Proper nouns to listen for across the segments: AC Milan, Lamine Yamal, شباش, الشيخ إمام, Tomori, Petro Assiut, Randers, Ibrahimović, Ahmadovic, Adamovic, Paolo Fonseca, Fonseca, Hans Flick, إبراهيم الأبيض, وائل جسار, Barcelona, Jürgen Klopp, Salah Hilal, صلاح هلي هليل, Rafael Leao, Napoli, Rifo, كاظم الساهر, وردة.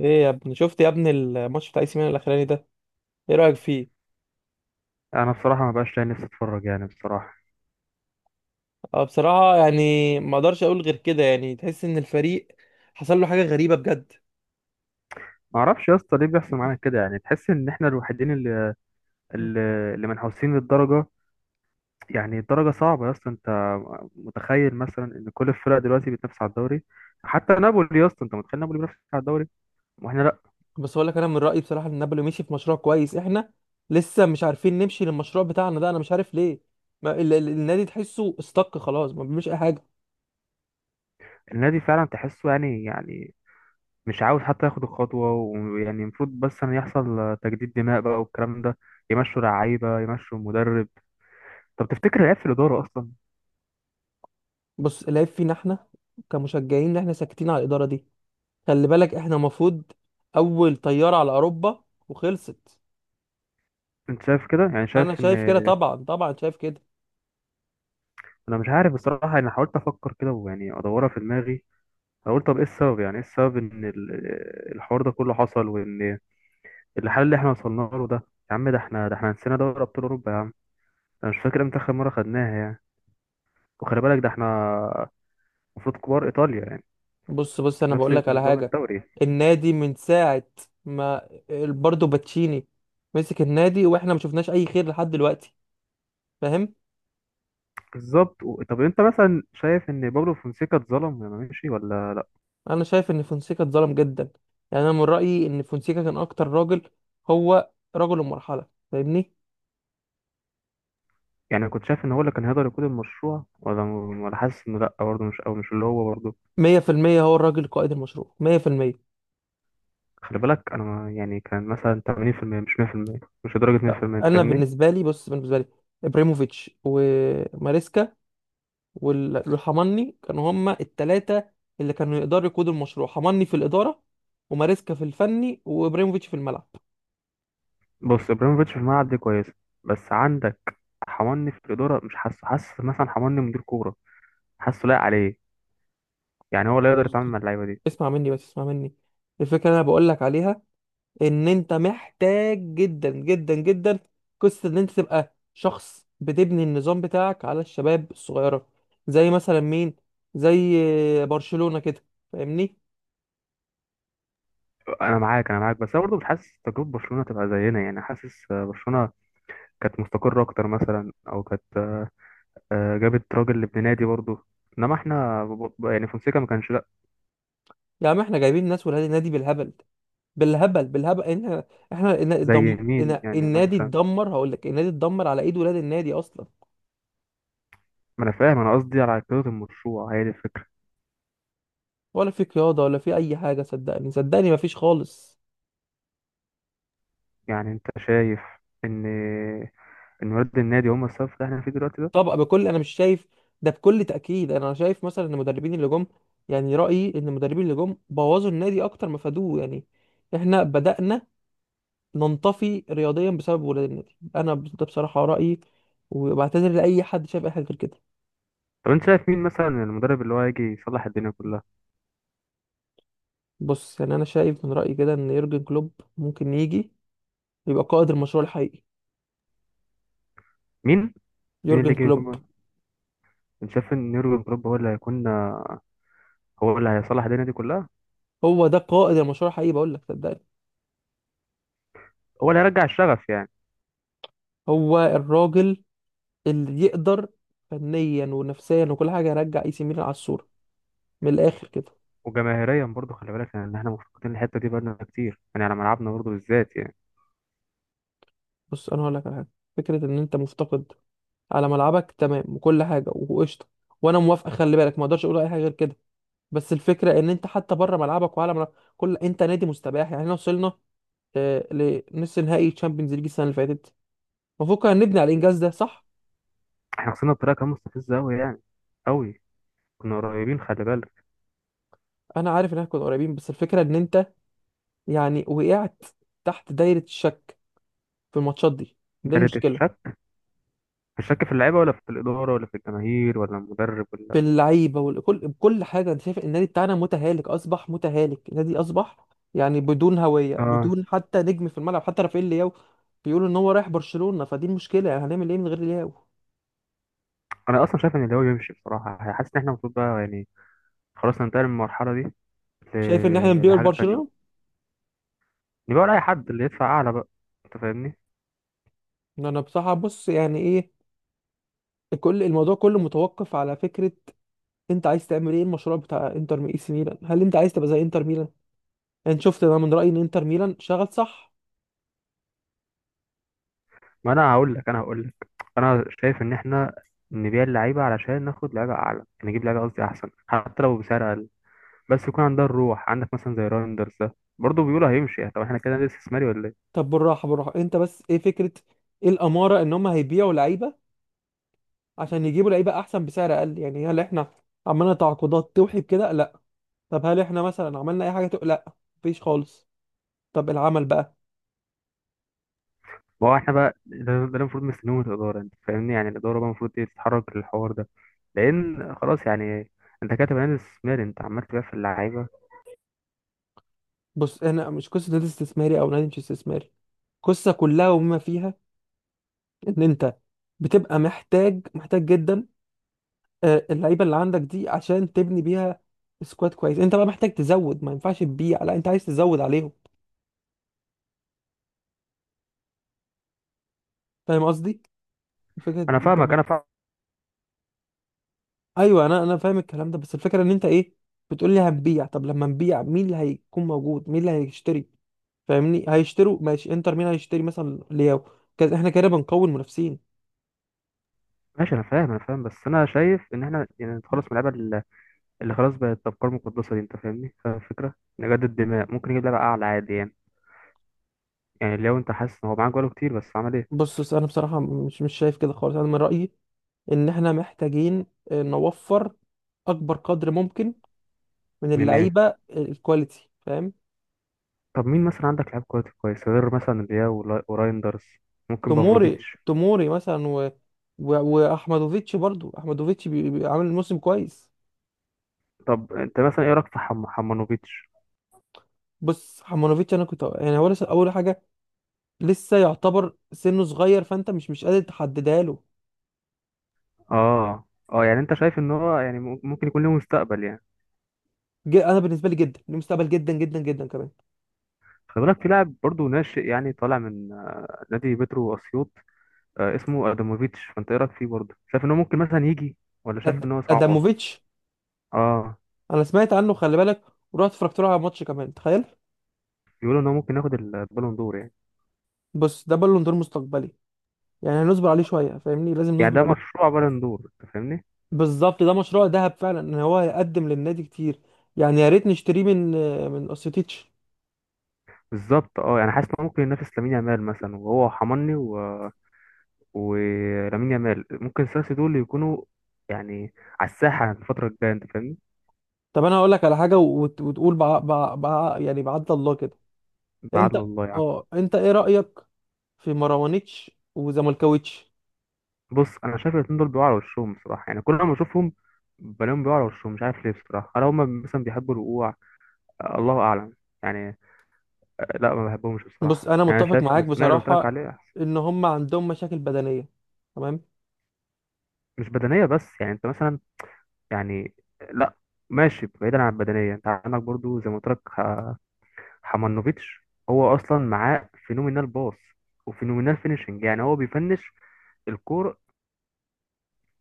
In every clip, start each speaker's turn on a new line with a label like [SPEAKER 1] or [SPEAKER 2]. [SPEAKER 1] ايه يا ابني، شفت يا ابني الماتش بتاع اي سي ميلان الاخراني ده؟ ايه رايك فيه؟
[SPEAKER 2] انا بصراحه ما بقاش لاقي نفسي اتفرج يعني بصراحه.
[SPEAKER 1] اه، بصراحه يعني ما اقدرش اقول غير كده. يعني تحس ان الفريق حصل له حاجه غريبه بجد.
[SPEAKER 2] ما اعرفش يا اسطى ليه بيحصل معانا كده، يعني تحس ان احنا الوحيدين اللي اللي منحوسين للدرجه. يعني الدرجه صعبه يا اسطى، انت متخيل مثلا ان كل الفرق دلوقتي بتنافس على الدوري؟ حتى نابولي يا اسطى، انت متخيل نابولي بينافس على الدوري واحنا لا.
[SPEAKER 1] بس اقول لك انا من رايي بصراحه ان نابولي مشي في مشروع كويس. احنا لسه مش عارفين نمشي للمشروع بتاعنا ده. انا مش عارف ليه ما ال النادي تحسه استك، خلاص ما بيعملش اي حاجه.
[SPEAKER 2] النادي فعلا تحسه يعني مش عاوز حتى ياخد الخطوه، ويعني المفروض بس ان يحصل تجديد دماء بقى والكلام ده، يمشوا لعيبه يمشوا مدرب. طب تفتكر العيب في الاداره اصلا؟
[SPEAKER 1] بص، العيب فينا احنا كمشجعين، ان احنا ساكتين على الاداره دي. خلي بالك احنا المفروض اول طياره على اوروبا، وخلصت.
[SPEAKER 2] انت شايف كده يعني؟ شايف
[SPEAKER 1] انا
[SPEAKER 2] ان
[SPEAKER 1] شايف كده، طبعا طبعا، شايف كده.
[SPEAKER 2] انا مش عارف بصراحه. انا حاولت افكر كده ويعني ادورها في دماغي. أنا قلت طب ايه السبب، يعني ايه السبب ان الحوار ده كله حصل، وان الحل اللي احنا وصلنا له ده، يا عم ده احنا نسينا دوري ابطال اوروبا يا عم. انا مش فاكر امتى اخر مره خدناها يعني. وخلي بالك ده احنا المفروض كبار ايطاليا يعني،
[SPEAKER 1] بص بص، انا
[SPEAKER 2] نفس
[SPEAKER 1] بقول لك على
[SPEAKER 2] نظام
[SPEAKER 1] حاجه.
[SPEAKER 2] الدوري.
[SPEAKER 1] النادي من ساعه ما برضه باتشيني مسك النادي واحنا ما شفناش اي خير لحد دلوقتي، فاهم؟
[SPEAKER 2] بالظبط طب انت مثلا شايف ان بابلو فونسيكا اتظلم لما مشي ولا لا؟
[SPEAKER 1] انا شايف ان فونسيكا اتظلم جدا. يعني انا من رايي ان فونسيكا كان اكتر راجل، هو رجل المرحله، فاهمني؟
[SPEAKER 2] يعني كنت شايف ان هو اللي كان هيقدر يقود المشروع، ولا حاسس انه لا برضه، مش او مش اللي هو برضه؟
[SPEAKER 1] 100% هو الراجل قائد المشروع 100%.
[SPEAKER 2] خلي بالك انا يعني كان مثلا 80% مش 100%، مش لدرجه
[SPEAKER 1] لا
[SPEAKER 2] 100%، انت
[SPEAKER 1] انا
[SPEAKER 2] فاهمني.
[SPEAKER 1] بالنسبه لي، بص بالنسبه لي ابراهيموفيتش وماريسكا والحمني كانوا هما التلاتة اللي كانوا يقدروا يقودوا المشروع. حمني في الإدارة، وماريسكا في الفني، وإبراهيموفيتش في الملعب.
[SPEAKER 2] بص ابراهيموفيتش في الملعب دي كويسه، بس عندك حماني في الاداره، مش حاسه حاسس مثلا حماني مدير كوره، حاسه لايق عليه؟ يعني هو لا يقدر يتعامل مع اللعيبه دي.
[SPEAKER 1] اسمع مني، بس اسمع مني. الفكرة اللي أنا بقولك عليها، إن أنت محتاج جدا جدا جدا، قصة إن أنت تبقى شخص بتبني النظام بتاعك على الشباب الصغيرة. زي مثلا مين؟ زي برشلونة كده، فاهمني؟
[SPEAKER 2] انا معاك، بس انا برضه مش حاسس تجربه برشلونه تبقى زينا، يعني حاسس برشلونه كانت مستقره اكتر مثلا، او كانت جابت راجل لابن نادي برضه، انما احنا يعني فونسيكا ما كانش لا
[SPEAKER 1] يعني إحنا جايبين ناس ولاد النادي بالهبل بالهبل بالهبل. احنا
[SPEAKER 2] زي مين يعني
[SPEAKER 1] النادي
[SPEAKER 2] مثلا.
[SPEAKER 1] اتدمر. هقول لك النادي اتدمر على ايد ولاد النادي اصلا.
[SPEAKER 2] ما انا فاهم، انا قصدي على كده المشروع، هي دي الفكره.
[SPEAKER 1] ولا في قياده ولا في اي حاجه، صدقني، صدقني، مفيش خالص.
[SPEAKER 2] يعني انت شايف ان ان ولاد النادي هم السبب في اللي احنا فيه دلوقتي ده؟
[SPEAKER 1] طبعا، انا مش شايف ده بكل تاكيد. انا شايف مثلا ان المدربين اللي جم، يعني رايي ان المدربين اللي جم بوظوا النادي اكتر ما فادوه. يعني احنا بدانا ننطفي رياضيا بسبب ولاد النادي. ده بصراحه رايي، وبعتذر لاي حد شايف اي حاجه غير كده.
[SPEAKER 2] طب انت شايف مين مثلا المدرب اللي هو هيجي يصلح الدنيا كلها؟
[SPEAKER 1] بص يعني انا شايف من رايي كده ان يورجن كلوب ممكن يجي يبقى قائد المشروع الحقيقي.
[SPEAKER 2] مين؟ مين اللي
[SPEAKER 1] يورجن
[SPEAKER 2] يجي
[SPEAKER 1] كلوب
[SPEAKER 2] يكون؟ انت شايف ان يورجن كلوب هو اللي هيكون، هو اللي هيصلح الدنيا دي كلها؟
[SPEAKER 1] هو ده قائد المشروع الحقيقي، بقول لك صدقني.
[SPEAKER 2] هو اللي هيرجع الشغف يعني؟
[SPEAKER 1] هو الراجل اللي يقدر فنيا ونفسيا وكل حاجه يرجع اي سي ميلان على الصوره، من الاخر كده.
[SPEAKER 2] وجماهيريا برضه خلي بالك، يعني ان احنا مفتقدين الحته دي بقالنا كتير يعني، على ملعبنا برضه بالذات يعني.
[SPEAKER 1] بص انا هقول لك على حاجه. فكره ان انت مفتقد على ملعبك، تمام، وكل حاجه وقشطه، وانا موافقه، خلي بالك، ما اقدرش اقول اي حاجه غير كده. بس الفكره ان انت حتى بره ملعبك وعلى ملعب كل، انت نادي مستباح. يعني احنا وصلنا آه، لنص نهائي تشامبيونز ليج السنه اللي فاتت. المفروض كنا نبني على الانجاز ده، صح؟
[SPEAKER 2] احنا خسرنا بطريقه كانت مستفزه قوي يعني، قوي. كنا قريبين خلي بالك.
[SPEAKER 1] انا عارف ان احنا كنا قريبين، بس الفكره ان انت يعني وقعت تحت دايرة الشك في الماتشات دي. دي
[SPEAKER 2] دارت
[SPEAKER 1] المشكلة.
[SPEAKER 2] الشك، الشك في اللعيبه ولا في الاداره ولا في الجماهير ولا المدرب
[SPEAKER 1] في
[SPEAKER 2] ولا؟
[SPEAKER 1] اللعيبة وكل بكل حاجة. أنا شايف النادي بتاعنا متهالك، أصبح متهالك. النادي أصبح يعني بدون هوية،
[SPEAKER 2] اه،
[SPEAKER 1] بدون حتى نجم في الملعب. حتى رافائيل لياو بيقولوا إن هو رايح برشلونة، فدي المشكلة. يعني هنعمل إيه من غير لياو؟
[SPEAKER 2] انا اصلا شايف ان اللي هو يمشي بصراحه. حاسس ان احنا المفروض بقى يعني، خلاص، ننتقل من المرحله دي
[SPEAKER 1] شايف إن إحنا نبيع
[SPEAKER 2] لحاجه تانية.
[SPEAKER 1] لبرشلونة؟
[SPEAKER 2] نبقى لاي حد اللي يدفع اعلى بقى، انت فاهمني.
[SPEAKER 1] إن أنا بصراحة، بص يعني إيه، كل الموضوع كله متوقف على فكرة أنت عايز تعمل إيه. المشروع بتاع إنتر مي- إي سي ميلان، هل أنت عايز تبقى زي إنتر ميلان؟ يعني شفت، أنا من رأيي إن إنتر ميلان شغل صح.
[SPEAKER 2] ما انا هقول لك، انا شايف ان احنا نبيع اللعيبه علشان ناخد لعيبه اعلى، نجيب لعيبه قصدي احسن حتى لو بسعر اقل، بس يكون عندها الروح. عندك مثلا زي رايندرز ده برضه بيقولوا هيمشي. طب احنا كده نادي استثماري ولا؟
[SPEAKER 1] طب بالراحه بالراحه، انت بس ايه فكره؟ ايه الاماره ان هم هيبيعوا لعيبه عشان يجيبوا لعيبه احسن بسعر اقل؟ يعني هل احنا عملنا تعاقدات توحي بكده؟ لا. طب هل احنا مثلا عملنا اي حاجه تو... لا، مفيش خالص. طب العمل بقى.
[SPEAKER 2] ما هو احنا بقى ده اللي المفروض مستنيه من الاداره، انت فاهمني. يعني الاداره بقى المفروض ايه؟ تتحرك للحوار ده، لان خلاص يعني، انت كاتب عين استثماري، انت عمال تبيع في اللعيبه.
[SPEAKER 1] بص احنا مش قصه نادي استثماري او نادي مش استثماري، قصه كلها وما فيها ان انت بتبقى محتاج، محتاج جدا اللعيبه اللي عندك دي عشان تبني بيها سكواد كويس. انت بقى محتاج تزود، ما ينفعش تبيع، لا انت عايز تزود عليهم. فاهم قصدي؟ فكره
[SPEAKER 2] انا
[SPEAKER 1] انت.
[SPEAKER 2] فاهمك انا فاهم
[SPEAKER 1] ايوه، انا فاهم الكلام ده، بس الفكره ان انت ايه؟ بتقول لي هنبيع، طب لما نبيع مين اللي هيكون موجود، مين اللي هيشتري؟ فاهمني؟ هيشتروا ماشي انتر، مين هيشتري مثلا لياو؟ كده احنا كده بنقوي المنافسين.
[SPEAKER 2] ماشي انا فاهم بس انا شايف ان احنا يعني نتخلص من اللعيبه اللي خلاص بقت افكار مقدسه دي، انت فاهمني، فاهم الفكره. نجدد دماء، ممكن نجيب لعيبه اعلى عادي يعني. يعني لو انت حاسس ان هو معاك بقاله كتير بس عمل ايه.
[SPEAKER 1] بص بص، انا بصراحه مش شايف كده خالص. انا من رايي ان احنا محتاجين نوفر اكبر قدر ممكن من
[SPEAKER 2] من ايه؟
[SPEAKER 1] اللعيبه الكواليتي، فاهم؟
[SPEAKER 2] طب مين مثلا عندك لعيب كويس كويس، غير مثلا رياو ورايندرز، ممكن
[SPEAKER 1] توموري
[SPEAKER 2] بافلوفيتش.
[SPEAKER 1] توموري مثلا واحمدوفيتش، برضو احمدوفيتش عامل موسم كويس.
[SPEAKER 2] طب انت مثلا ايه رايك في حمانوفيتش؟
[SPEAKER 1] بص حمانوفيتش، انا كنت يعني هو لسه اول حاجه، لسه يعتبر سنه صغير، فانت مش قادر تحددها له.
[SPEAKER 2] اه اه يعني انت شايف ان هو يعني ممكن يكون له مستقبل يعني.
[SPEAKER 1] انا بالنسبه لي جدا ليه مستقبل، جدا جدا جدا كمان.
[SPEAKER 2] خلي بالك في لاعب برضه ناشئ يعني، طالع من نادي بيترو اسيوط، اسمه ادموفيتش، فانت ايه رايك فيه برضه؟ شايف ان هو ممكن مثلا يجي ولا شايف ان هو صعبه؟
[SPEAKER 1] اداموفيتش،
[SPEAKER 2] اه،
[SPEAKER 1] انا سمعت عنه خلي بالك، ورحت اتفرجت له على ماتش كمان، تخيل.
[SPEAKER 2] بيقولوا ان هو ممكن ياخد البالون دور يعني.
[SPEAKER 1] بص ده بالون دور مستقبلي، يعني هنصبر عليه شويه، فاهمني؟ لازم
[SPEAKER 2] يعني
[SPEAKER 1] نصبر
[SPEAKER 2] ده
[SPEAKER 1] عليه.
[SPEAKER 2] مشروع بالون دور، انت فاهمني.
[SPEAKER 1] بالظبط، ده مشروع ذهب فعلا، ان هو هيقدم للنادي كتير. يعني يا ريت نشتريه من اوسيتيتش.
[SPEAKER 2] بالظبط، اه. يعني حاسس ان هو ممكن ينافس لامين يامال مثلا، وهو حماني ولامين يامال، ممكن الثلاثه دول يكونوا يعني على الساحه الفتره الجايه، انت فاهمني.
[SPEAKER 1] طب انا هقول لك على حاجه، وتقول يعني بعد الله كده.
[SPEAKER 2] بعد
[SPEAKER 1] انت،
[SPEAKER 2] الله يعني.
[SPEAKER 1] اه انت ايه رايك في مروانيتش وزملكاويتش؟
[SPEAKER 2] بص انا شايف الاتنين دول بيقعوا على وشهم بصراحه، يعني كل ما اشوفهم بلاقيهم بيقعوا على وشهم. مش عارف ليه بصراحه، هل هم مثلا بيحبوا الوقوع؟ الله اعلم يعني. لا ما بحبهمش
[SPEAKER 1] بص
[SPEAKER 2] بصراحه،
[SPEAKER 1] انا
[SPEAKER 2] يعني انا
[SPEAKER 1] متفق
[SPEAKER 2] شايف
[SPEAKER 1] معاك
[SPEAKER 2] الثنائي اللي قلت لك
[SPEAKER 1] بصراحه،
[SPEAKER 2] عليه احسن.
[SPEAKER 1] ان هم عندهم مشاكل بدنيه، تمام.
[SPEAKER 2] مش بدنيه بس يعني، انت مثلا يعني، لا، ماشي بعيدا عن البدنيه، انت عندك برضو زي ما قلت لك حمانوفيتش، هو اصلا معاه فينومينال باص وفينومينال فينيشنج، يعني هو بيفنش الكور،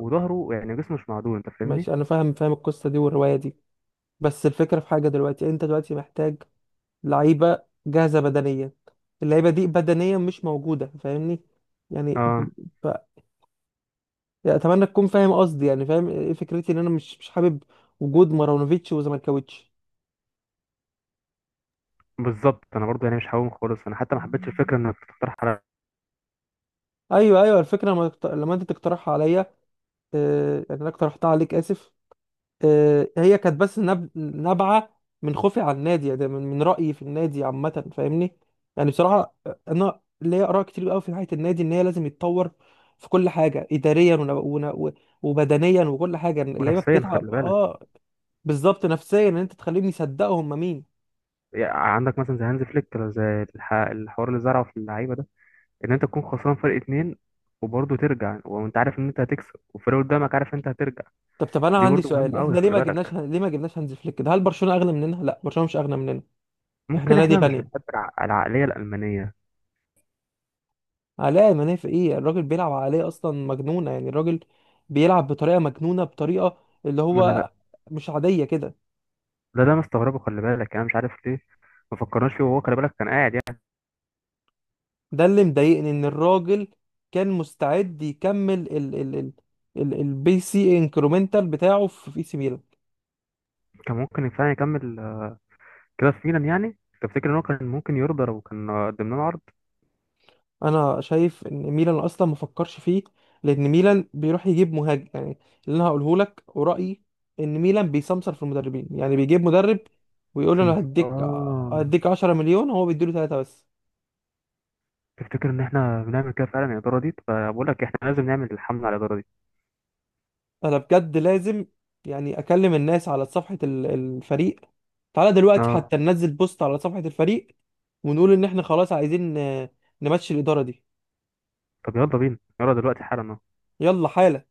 [SPEAKER 2] وظهره يعني جسمه مش معدول، انت فاهمني.
[SPEAKER 1] ماشي، انا فاهم، فاهم القصه دي والروايه دي. بس الفكره في حاجه دلوقتي، انت دلوقتي محتاج لعيبه جاهزه بدنيا، اللعيبه دي بدنيا مش موجوده، فاهمني؟ يعني انت
[SPEAKER 2] اه
[SPEAKER 1] ف... يعني اتمنى تكون فاهم قصدي، يعني فاهم ايه فكرتي، ان انا مش حابب وجود مارونوفيتش وزملكاويتش.
[SPEAKER 2] بالظبط، انا برضو يعني مش هقوم خالص، انا حتى ما حبيتش الفكره انك تقترح على.
[SPEAKER 1] ايوه ايوه، الفكره لما لما انت تقترحها عليا، يعني انا اقترحتها عليك، اسف. هي كانت بس نابعة من خوفي على النادي، يعني من رأيي في النادي عامة، فاهمني؟ يعني بصراحة، أنا ليا آراء كتير قوي في ناحية النادي إن هي لازم يتطور في كل حاجة، إداريا وبدنيا وكل حاجة. اللعيبة
[SPEAKER 2] نفسيا خلي
[SPEAKER 1] بتتعب،
[SPEAKER 2] بالك.
[SPEAKER 1] آه. بالظبط، نفسيا، إن أنت تخليهم يصدقوا هم مين.
[SPEAKER 2] يعني عندك مثلا زي هانز فليك، ولا زي الحوار اللي زرعه في اللعيبه ده، ان انت تكون خسران فرق اتنين وبرضه ترجع، وانت عارف ان انت هتكسب والفريق قدامك عارف ان انت هترجع.
[SPEAKER 1] طب أنا
[SPEAKER 2] دي
[SPEAKER 1] عندي
[SPEAKER 2] برضو
[SPEAKER 1] سؤال،
[SPEAKER 2] مهمه قوي
[SPEAKER 1] إحنا ليه
[SPEAKER 2] خلي
[SPEAKER 1] ما جبناش،
[SPEAKER 2] بالك.
[SPEAKER 1] ليه ما جبناش هانز فليك ده؟ هل برشلونة أغنى مننا؟ لا، برشلونة مش أغنى مننا، إحنا
[SPEAKER 2] ممكن
[SPEAKER 1] نادي
[SPEAKER 2] احنا مش
[SPEAKER 1] غني.
[SPEAKER 2] بنحب العقليه الالمانيه.
[SPEAKER 1] علاء المنافع ايه، الراجل بيلعب على عقلية اصلا مجنونة. يعني الراجل بيلعب بطريقة مجنونة، بطريقة اللي
[SPEAKER 2] ما انا
[SPEAKER 1] هو
[SPEAKER 2] ده،
[SPEAKER 1] مش عادية كده.
[SPEAKER 2] ده اللي انا مستغربه خلي بالك. يعني انا مش عارف ليه ما فكرناش فيه، وهو خلي بالك كان قاعد يعني.
[SPEAKER 1] ده اللي مضايقني ان الراجل كان مستعد يكمل ال البي سي انكرومنتال بتاعه في سي ميلان.
[SPEAKER 2] كان ممكن فعلا يكمل كده في ميلان. يعني تفتكر ان هو كان ممكن يرضى لو كان قدم لنا عرض؟
[SPEAKER 1] انا شايف ان ميلان اصلا ما فكرش فيه، لان ميلان بيروح يجيب مهاجم. يعني اللي انا هقوله لك ورأيي، ان ميلان بيسمسر في المدربين، يعني بيجيب مدرب ويقول له انا
[SPEAKER 2] اه،
[SPEAKER 1] هديك، 10 مليون، هو بيديله ثلاثة بس.
[SPEAKER 2] تفتكر ان احنا بنعمل كده فعلا الاداره دي؟ فبقول لك احنا لازم نعمل الحمله على الاداره دي.
[SPEAKER 1] انا بجد لازم يعني اكلم الناس على صفحة الفريق. تعالى دلوقتي
[SPEAKER 2] اه،
[SPEAKER 1] حتى ننزل بوست على صفحة الفريق، ونقول ان احنا خلاص عايزين نمشي الإدارة دي.
[SPEAKER 2] طب يلا بينا، يلا دلوقتي حالا.
[SPEAKER 1] يلا حالا.